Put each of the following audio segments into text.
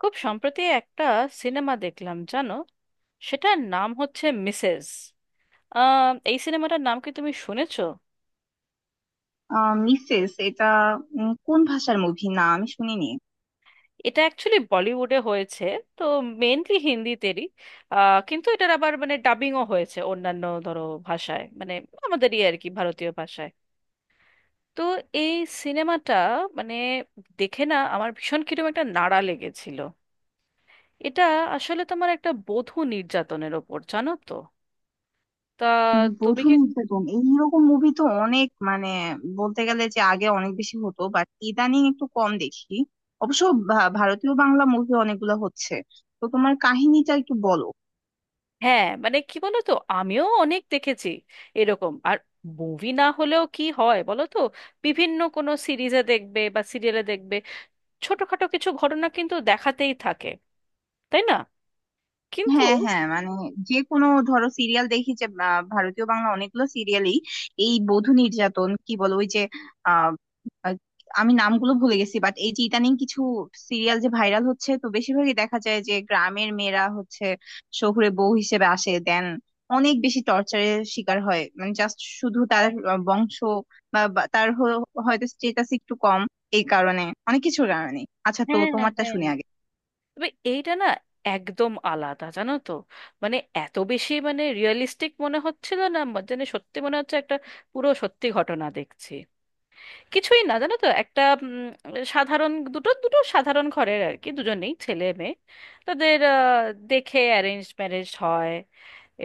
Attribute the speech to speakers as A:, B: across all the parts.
A: খুব সম্প্রতি একটা সিনেমা দেখলাম জানো, সেটার নাম হচ্ছে মিসেস। এই সিনেমাটার নাম কি তুমি শুনেছো?
B: আহ মিসেস এটা কোন ভাষার মুভি না, আমি শুনিনি।
A: এটা অ্যাকচুয়ালি বলিউডে হয়েছে, তো মেনলি হিন্দিতেরই। কিন্তু এটার আবার মানে ডাবিংও হয়েছে অন্যান্য ধরো ভাষায়, মানে আমাদেরই আর কি ভারতীয় ভাষায়। তো এই সিনেমাটা মানে দেখে না, আমার ভীষণ কিরকম একটা নাড়া লেগেছিল। এটা আসলে তোমার একটা বধূ নির্যাতনের ওপর, জানো তো। তা তুমি
B: বধূ
A: কি,
B: নির্যাতন এইরকম মুভি তো অনেক, মানে বলতে গেলে যে আগে অনেক বেশি হতো, বাট ইদানিং একটু কম দেখি। অবশ্য ভারতীয় বাংলা মুভি অনেকগুলো হচ্ছে। তো তোমার কাহিনীটা একটু বলো।
A: হ্যাঁ মানে কি বলো তো, আমিও অনেক দেখেছি এরকম। আর মুভি না হলেও কি হয় বলো তো, বিভিন্ন কোনো সিরিজে দেখবে বা সিরিয়ালে দেখবে, ছোটখাটো কিছু ঘটনা কিন্তু দেখাতেই থাকে, তাই না? কিন্তু
B: হ্যাঁ হ্যাঁ, মানে যে কোনো ধরো সিরিয়াল দেখি, যে ভারতীয় বাংলা অনেকগুলো সিরিয়ালই এই বধূ নির্যাতন কি বলো, ওই যে আহ, আহ, আমি নামগুলো ভুলে গেছি, বাট এই যে ইদানিং কিছু সিরিয়াল যে ভাইরাল হচ্ছে, তো বেশিরভাগই দেখা যায় যে গ্রামের মেয়েরা হচ্ছে শহুরে বউ হিসেবে আসে, দেন অনেক বেশি টর্চারের শিকার হয়, মানে জাস্ট শুধু তার বংশ বা বা তার হয়তো স্টেটাস একটু কম, এই কারণে, অনেক কিছুর কারণে। আচ্ছা, তো
A: হ্যাঁ,
B: তোমারটা
A: হ্যাঁ,
B: শুনে আগে।
A: তবে এইটা না একদম আলাদা, জানো তো। মানে এত বেশি মানে রিয়েলিস্টিক মনে হচ্ছিল, না মানে যেন সত্যি মনে হচ্ছে একটা পুরো সত্যি ঘটনা দেখছি। কিছুই না, জানো তো, একটা সাধারণ দুটো দুটো সাধারণ ঘরের আর কি, দুজনেই ছেলে মেয়ে। তাদের দেখে অ্যারেঞ্জ ম্যারেজ হয়।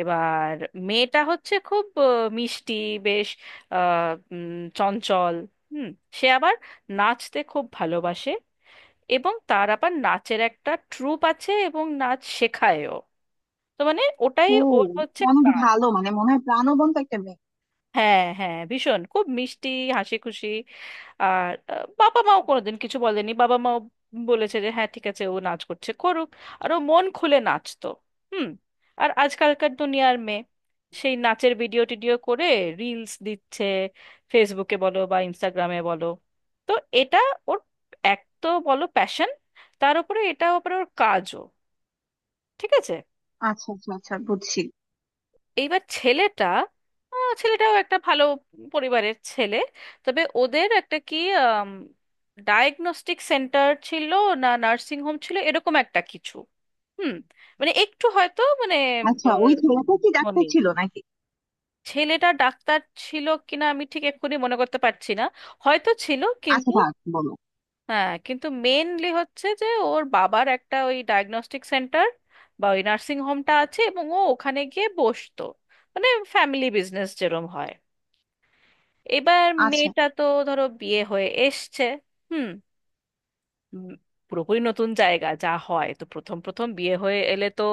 A: এবার মেয়েটা হচ্ছে খুব মিষ্টি, বেশ আহ, উম, চঞ্চল। হুম। সে আবার নাচতে খুব ভালোবাসে, এবং তার আবার নাচের একটা ট্রুপ আছে এবং নাচ শেখায়ও। তো মানে ওটাই
B: ও,
A: ওর হচ্ছে।
B: অনেক ভালো, মানে মনে হয় প্রাণবন্ত একটা মেয়ে।
A: হ্যাঁ হ্যাঁ, ভীষণ খুব মিষ্টি, হাসি খুশি। আর বাবা মাও কোনোদিন কিছু বলেনি, বাবা মাও বলেছে যে হ্যাঁ ঠিক আছে ও নাচ করছে করুক। আর ও মন খুলে নাচতো। হুম। আর আজকালকার দুনিয়ার মেয়ে, সেই নাচের ভিডিও টিডিও করে রিলস দিচ্ছে, ফেসবুকে বলো বা ইনস্টাগ্রামে বলো। তো এটা ওর এক তো বলো প্যাশন, তার উপরে এটা উপরে ওর কাজও। ঠিক আছে,
B: আচ্ছা আচ্ছা আচ্ছা, বুঝছি।
A: এইবার ছেলেটা ছেলেটাও একটা ভালো পরিবারের ছেলে। তবে ওদের একটা কি ডায়াগনস্টিক সেন্টার ছিল, না নার্সিং হোম ছিল এরকম একটা কিছু। হুম। মানে একটু হয়তো মানে
B: আচ্ছা, ওই
A: আহ,
B: ছেলেটা কি ডাক্তার
A: ধনী।
B: ছিল নাকি?
A: ছেলেটা ডাক্তার ছিল কিনা আমি ঠিক এক্ষুনি মনে করতে পারছি না, হয়তো ছিল
B: আচ্ছা,
A: কিন্তু।
B: থাক বলো।
A: হ্যাঁ কিন্তু মেনলি হচ্ছে যে ওর বাবার একটা ওই ডায়াগনস্টিক সেন্টার বা ওই নার্সিং হোমটা আছে, এবং ও ওখানে গিয়ে বসতো মানে ফ্যামিলি বিজনেস যেরম হয়। এবার
B: আচ্ছা।
A: মেয়েটা তো ধরো বিয়ে হয়ে এসছে। হুম। উম, পুরোপুরি নতুন জায়গা, যা হয় তো প্রথম প্রথম বিয়ে হয়ে এলে তো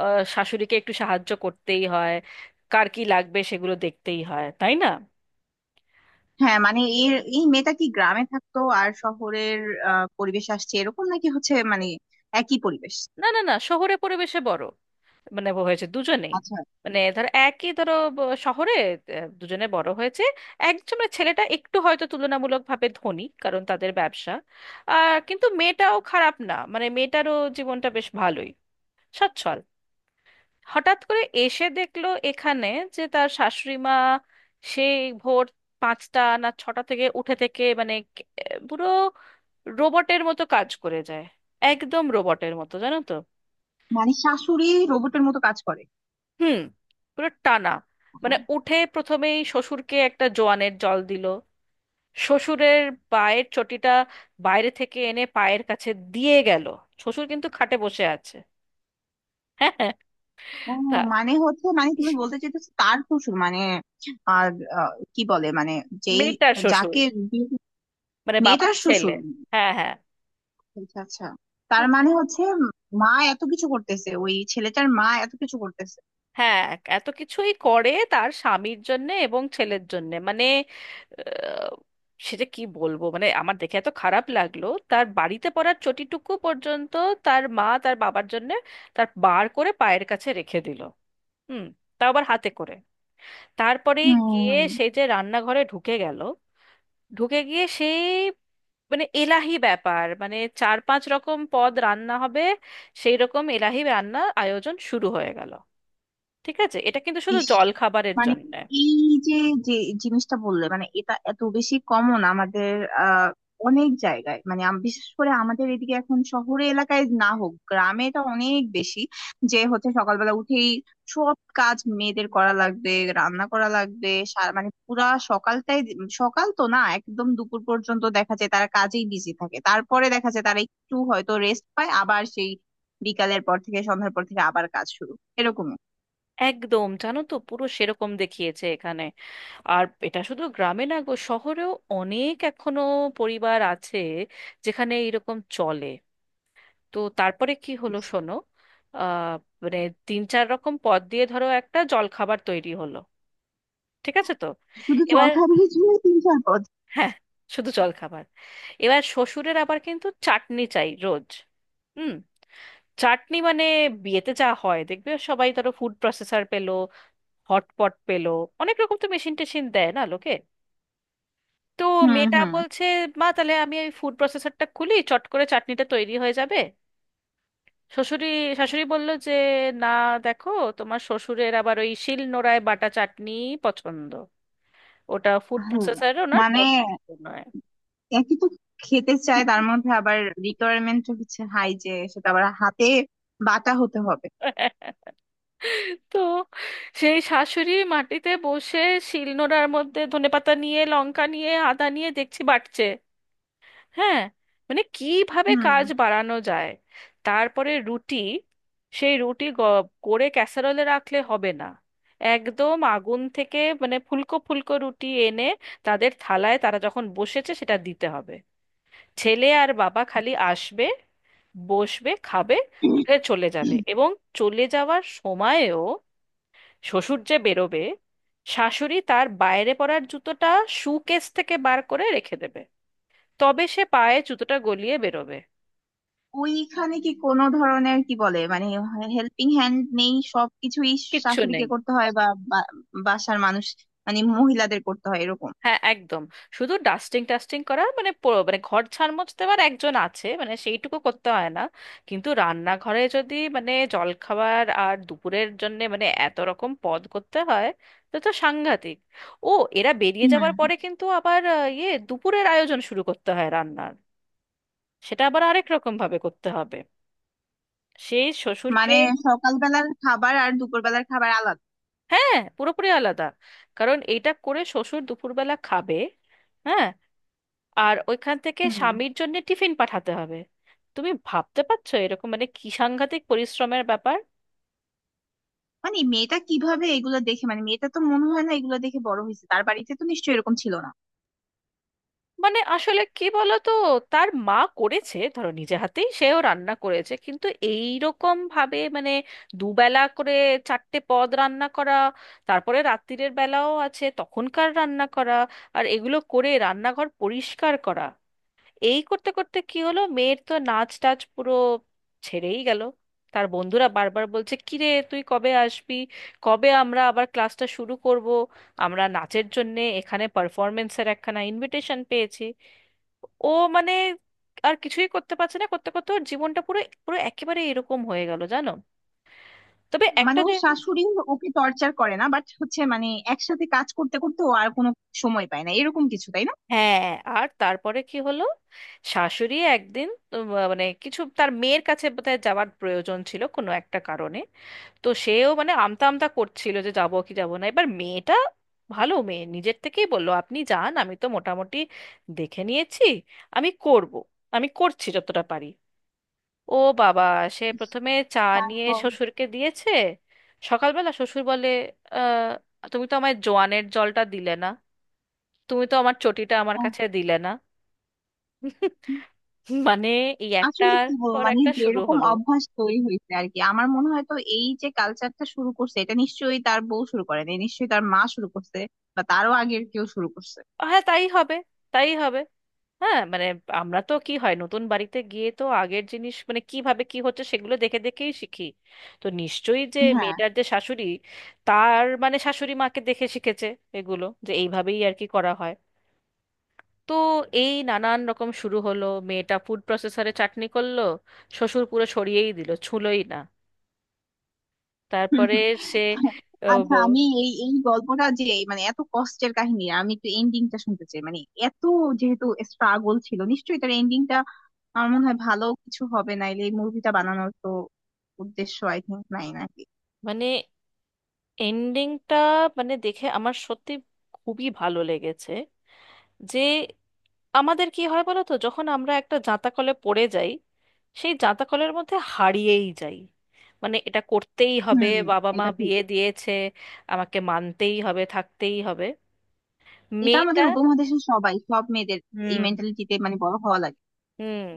A: শাশুড়িকে একটু সাহায্য করতেই হয়, কার কি লাগবে সেগুলো দেখতেই হয়, তাই না?
B: হ্যাঁ মানে এর এই মেয়েটা কি গ্রামে থাকতো আর শহরের পরিবেশ আসছে এরকম, নাকি হচ্ছে মানে একই পরিবেশ?
A: না না না, শহরে পরিবেশে বড় মানে হয়েছে দুজনেই।
B: আচ্ছা।
A: মানে ধরো একই ধরো শহরে দুজনে বড় হয়েছে। একজন মানে ছেলেটা একটু হয়তো তুলনামূলকভাবে ধনী, কারণ তাদের ব্যবসা। আর কিন্তু মেয়েটাও খারাপ না, মানে মেয়েটারও জীবনটা বেশ ভালোই, সচ্ছল। হঠাৎ করে এসে দেখলো এখানে, যে তার শাশুড়ি মা সেই ভোর 5টা না 6টা থেকে উঠে থেকে মানে পুরো রোবটের মতো কাজ করে যায়। একদম রোবটের মতো, জানো তো।
B: মানে শাশুড়ি রোবটের মতো কাজ করে?
A: হুম। পুরো টানা মানে
B: হ্যাঁ।
A: উঠে প্রথমেই শ্বশুরকে একটা জোয়ানের জল দিল, শ্বশুরের পায়ের চটিটা বাইরে থেকে এনে পায়ের কাছে দিয়ে গেল। শ্বশুর কিন্তু খাটে বসে আছে। হ্যাঁ হ্যাঁ।
B: ও,
A: তা-
B: মানে হচ্ছে, মানে তুমি বলতে চাইতেছো তার শ্বশুর মানে আর কি বলে মানে যেই
A: মেয়েটার শ্বশুর
B: যাকে বিয়ে-
A: মানে বাবার
B: মেয়েটার
A: ছেলে।
B: শ্বশুর।
A: হ্যাঁ হ্যাঁ।
B: আচ্ছা আচ্ছা। তার
A: হুম।
B: মানে হচ্ছে, মা এত কিছু করতেছে, ওই ছেলেটার মা এত কিছু করতেছে।
A: হ্যাঁ এত কিছুই করে তার স্বামীর জন্যে এবং ছেলের জন্যে মানে আহ, সেটা কি বলবো, মানে আমার দেখে এত খারাপ লাগলো, তার বাড়িতে পড়ার চটিটুকু পর্যন্ত তার মা তার বাবার জন্যে তার বার করে পায়ের কাছে রেখে দিল। হুম। তাও আবার হাতে করে। তারপরে গিয়ে
B: হুম।
A: সে যে রান্নাঘরে ঢুকে গেল, ঢুকে গিয়ে সেই মানে এলাহি ব্যাপার, মানে চার পাঁচ রকম পদ রান্না হবে, সেই রকম এলাহি রান্না আয়োজন শুরু হয়ে গেল। ঠিক আছে, এটা কিন্তু শুধু
B: ইস,
A: জল খাবারের
B: মানে
A: জন্য।
B: এই যে যে জিনিসটা বললে, মানে এটা এত বেশি কমন আমাদের আহ অনেক জায়গায়, মানে বিশেষ করে আমাদের এদিকে, এখন শহরে এলাকায় না হোক, গ্রামে এটা অনেক বেশি, যে হচ্ছে সকালবেলা উঠেই সব কাজ মেয়েদের করা লাগবে, রান্না করা লাগবে, মানে পুরা সকালটাই, সকাল তো না, একদম দুপুর পর্যন্ত দেখা যায় তারা কাজেই বিজি থাকে, তারপরে দেখা যায় তারা একটু হয়তো রেস্ট পায়, আবার সেই বিকালের পর থেকে, সন্ধ্যার পর থেকে আবার কাজ শুরু, এরকম।
A: একদম জানো তো পুরো সেরকম দেখিয়েছে এখানে। আর এটা শুধু গ্রামে না গো, শহরেও অনেক এখনো পরিবার আছে যেখানে এরকম চলে। তো তারপরে কি হলো শোনো, আহ মানে তিন চার রকম পদ দিয়ে ধরো একটা জলখাবার তৈরি হলো। ঠিক আছে তো
B: শুধু
A: এবার,
B: জলখাবারের জন্যই তিন চার পদ?
A: হ্যাঁ শুধু জলখাবার। এবার শ্বশুরের আবার কিন্তু চাটনি চাই রোজ। হুম। চাটনি মানে বিয়েতে যা হয় দেখবে সবাই ধরো ফুড প্রসেসর পেলো, হটপট পেলো, অনেক রকম তো মেশিন টেশিন দেয় না লোকে। তো
B: হুম
A: মেয়েটা
B: হুম।
A: বলছে, মা তাহলে আমি ওই ফুড প্রসেসরটা খুলি, চট করে চাটনিটা তৈরি হয়ে যাবে। শ্বশুরি শাশুড়ি বলল যে না দেখো, তোমার শ্বশুরের আবার ওই শিল নোড়ায় বাটা চাটনি পছন্দ, ওটা ফুড
B: আল্লাহ,
A: প্রসেসরে ওনার
B: মানে
A: পছন্দ নয়।
B: একই তো খেতে চায়, তার মধ্যে আবার রিকোয়ারমেন্ট হচ্ছে হাই, যে সেটা আবার হাতে বাটা হতে হবে।
A: তো সেই শাশুড়ি মাটিতে বসে শিলনোড়ার মধ্যে ধনেপাতা নিয়ে, লঙ্কা নিয়ে, আদা নিয়ে দেখছি বাটছে। হ্যাঁ মানে কিভাবে
B: হুম।
A: কাজ বাড়ানো যায়। তারপরে রুটি, সেই রুটি করে ক্যাসারোলে রাখলে হবে না, একদম আগুন থেকে মানে ফুলকো ফুলকো রুটি এনে তাদের থালায় তারা যখন বসেছে সেটা দিতে হবে। ছেলে আর বাবা খালি আসবে, বসবে, খাবে, উঠে চলে যাবে। এবং চলে যাওয়ার সময়েও, শ্বশুর যে বেরোবে, শাশুড়ি তার বাইরে পরার জুতোটা শু কেস থেকে বার করে রেখে দেবে, তবে সে পায়ে জুতোটা গলিয়ে বেরোবে।
B: ওইখানে কি কোনো ধরনের, কি বলে মানে, হেল্পিং হ্যান্ড নেই? সবকিছুই
A: কিচ্ছু
B: শাশুড়িকে
A: নেই।
B: করতে হয়, বা বা- বাসার মানুষ, মানে মহিলাদের করতে হয় এরকম?
A: হ্যাঁ একদম, শুধু ডাস্টিং টাস্টিং করা মানে মানে ঘর ঝাড়মোছ দেওয়ার একজন আছে, মানে সেইটুকু করতে হয় না, কিন্তু রান্নাঘরে যদি মানে জলখাবার আর দুপুরের জন্য মানে এত রকম পদ করতে হয় তো তো সাংঘাতিক। ও, এরা বেরিয়ে যাবার
B: হুম।
A: পরে কিন্তু আবার ইয়ে দুপুরের আয়োজন শুরু করতে হয় রান্নার, সেটা আবার আরেক রকম ভাবে করতে হবে। সেই শ্বশুরকে,
B: মানে সকালবেলার খাবার আর দুপুরবেলার খাবার আলাদা?
A: হ্যাঁ পুরোপুরি আলাদা, কারণ এইটা করে শ্বশুর দুপুরবেলা খাবে। হ্যাঁ আর ওইখান থেকে
B: হুম।
A: স্বামীর জন্য টিফিন পাঠাতে হবে। তুমি ভাবতে পারছো এরকম মানে কি সাংঘাতিক পরিশ্রমের ব্যাপার।
B: মানে মেয়েটা কিভাবে এগুলো দেখে, মানে মেয়েটা তো মনে হয় না এগুলো দেখে বড় হয়েছে, তার বাড়িতে তো নিশ্চয়ই এরকম ছিল না।
A: মানে আসলে কি বলতো, তার মা করেছে ধরো নিজে হাতেই, সেও রান্না করেছে কিন্তু এই রকম ভাবে মানে দুবেলা করে চারটে পদ রান্না করা, তারপরে রাত্তিরের বেলাও আছে তখনকার রান্না করা, আর এগুলো করে রান্নাঘর পরিষ্কার করা। এই করতে করতে কি হলো, মেয়ের তো নাচ টাচ পুরো ছেড়েই গেল। তার বন্ধুরা বারবার বলছে কিরে তুই কবে আসবি, কবে আমরা আবার ক্লাসটা শুরু করব, আমরা নাচের জন্যে এখানে পারফরমেন্সের একখানা ইনভিটেশন পেয়েছি। ও মানে আর কিছুই করতে পারছে না, করতে করতে ওর জীবনটা পুরো পুরো একেবারে এরকম হয়ে গেল জানো। তবে
B: মানে
A: একটা
B: ওর
A: যে,
B: শাশুড়ি ওকে টর্চার করে না, বাট হচ্ছে মানে একসাথে কাজ করতে করতে ও আর কোনো সময় পায় না এরকম কিছু, তাই না?
A: হ্যাঁ আর তারপরে কি হলো, শাশুড়ি একদিন উম, মানে কিছু তার মেয়ের কাছে বোধহয় যাওয়ার প্রয়োজন ছিল কোনো একটা কারণে। তো সেও মানে আমতা আমতা করছিল যে যাবো কি যাবো না, এবার মেয়েটা ভালো মেয়ে নিজের থেকেই বললো আপনি যান আমি তো মোটামুটি দেখে নিয়েছি, আমি করব, আমি করছি যতটা পারি। ও বাবা, সে প্রথমে চা নিয়ে
B: তারপর?
A: শ্বশুরকে দিয়েছে। সকালবেলা শ্বশুর বলে, আহ তুমি তো আমায় জোয়ানের জলটা দিলে না, তুমি তো আমার চটিটা আমার
B: আহ,
A: কাছে দিলে না। মানে এই
B: আসলে
A: একটার
B: কি বলবো,
A: পর
B: মানে
A: একটা শুরু
B: যেরকম
A: হলো।
B: অভ্যাস তৈরি হয়েছে আর কি। আমার মনে হয় তো এই যে কালচারটা শুরু করছে, এটা নিশ্চয়ই তার বউ শুরু করেনি, নিশ্চয়ই তার মা শুরু করছে বা তারও আগের কেউ শুরু করছে।
A: হ্যাঁ তাই হবে, তাই হবে। হ্যাঁ মানে আমরা তো কি হয়, নতুন বাড়িতে গিয়ে তো আগের জিনিস মানে কিভাবে কি হচ্ছে সেগুলো দেখে দেখেই শিখি। তো নিশ্চয়ই যে
B: হ্যাঁ।
A: মেয়েটার যে শাশুড়ি, তার মানে শাশুড়ি মাকে দেখে শিখেছে এগুলো যে এইভাবেই আর কি করা হয়। তো এই নানান রকম শুরু হলো, মেয়েটা ফুড প্রসেসরে চাটনি করলো, শ্বশুর পুরো সরিয়েই দিল, ছুঁলোই না।
B: হুম,
A: তারপরে
B: হুম।
A: সে, ও,
B: আচ্ছা,
A: ব-
B: আমি এই এই গল্পটা যে, মানে এত কষ্টের কাহিনী, আমি একটু এন্ডিংটা শুনতে চাই। মানে এত, যেহেতু স্ট্রাগল ছিল, নিশ্চয়ই তার এন্ডিংটা আমার মনে হয় ভালো কিছু হবে, নাইলে এই মুভিটা বানানোর তো উদ্দেশ্য, আই থিংক, নাই নাকি।
A: মানে এন্ডিংটা মানে দেখে আমার সত্যি খুবই ভালো লেগেছে। যে আমাদের কি হয় বলো তো, যখন আমরা একটা জাঁতা কলে পড়ে যাই, সেই জাঁতা কলের মধ্যে হারিয়েই যাই। মানে এটা করতেই হবে,
B: হুম।
A: বাবা মা
B: এটা ঠিক।
A: বিয়ে দিয়েছে, আমাকে মানতেই হবে, থাকতেই হবে।
B: এটা
A: মেয়েটা,
B: আমাদের উপমহাদেশের সবাই সব মেয়েদের এই
A: হুম
B: মেন্টালিটিতে মানে বড় হওয়া লাগে।
A: হুম,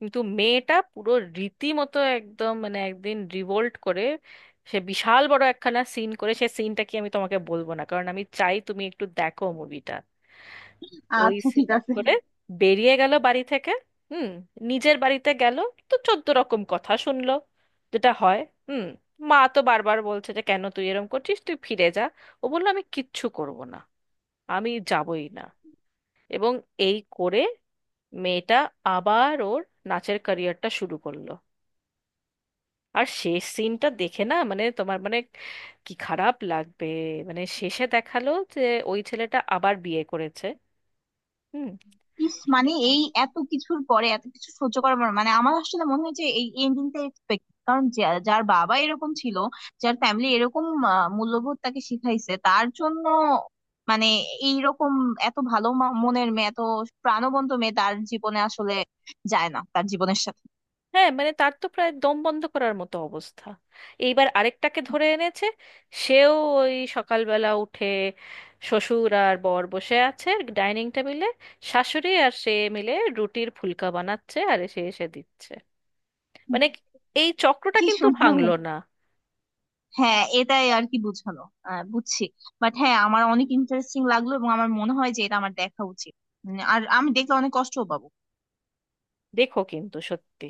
A: কিন্তু মেয়েটা পুরো রীতিমতো একদম মানে একদিন রিভোল্ট করে। সে বিশাল বড় একখানা সিন করে, সে সিনটা কি আমি তোমাকে বলবো না, কারণ আমি চাই তুমি একটু দেখো মুভিটা। ওই
B: আচ্ছা ঠিক
A: সিন
B: আছে।
A: করে বেরিয়ে গেল বাড়ি থেকে। হুম। নিজের বাড়িতে গেল, তো চোদ্দ রকম কথা শুনলো, যেটা হয়। হুম। মা তো বারবার বলছে যে কেন তুই এরম করছিস, তুই ফিরে যা। ও বললো আমি কিচ্ছু করব না, আমি যাবই না। এবং এই করে মেয়েটা আবার ওর নাচের ক্যারিয়ারটা শুরু করলো। আর শেষ সিনটা দেখে না মানে তোমার মানে কি খারাপ লাগবে, মানে শেষে দেখালো যে ওই ছেলেটা আবার বিয়ে করেছে।
B: ইস, মানে
A: হুম।
B: এই এত কিছুর পরে এত কিছু সহ্য করার পর, মানে আমার আসলে মনে হয় যে এই এন্ডিংটা এক্সপেক্ট, কারণ যার বাবা এরকম ছিল, যার ফ্যামিলি এরকম মূল্যবোধ তাকে শিখাইছে, তার জন্য মানে এইরকম এত ভালো মনের মেয়ে, এত প্রাণবন্ত মেয়ে তার জীবনে আসলে যায় না, তার জীবনের সাথে।
A: হ্যাঁ মানে তার তো প্রায় দম বন্ধ করার মতো অবস্থা। এইবার আরেকটাকে ধরে এনেছে, সেও ওই সকালবেলা উঠে, শ্বশুর আর বর বসে আছে ডাইনিং টেবিলে, শাশুড়ি আর সে মিলে রুটির ফুলকা বানাচ্ছে আর এসে এসে দিচ্ছে। মানে এই চক্রটা
B: কি
A: কিন্তু
B: সুন্দর।
A: ভাঙলো না।
B: হ্যাঁ, এটাই আর কি বুঝানো। বুঝছি। বাট হ্যাঁ, আমার অনেক ইন্টারেস্টিং লাগলো, এবং আমার মনে হয় যে এটা আমার দেখা উচিত। আর আমি দেখলে অনেক কষ্টও পাবো।
A: দেখো কিন্তু সত্যি।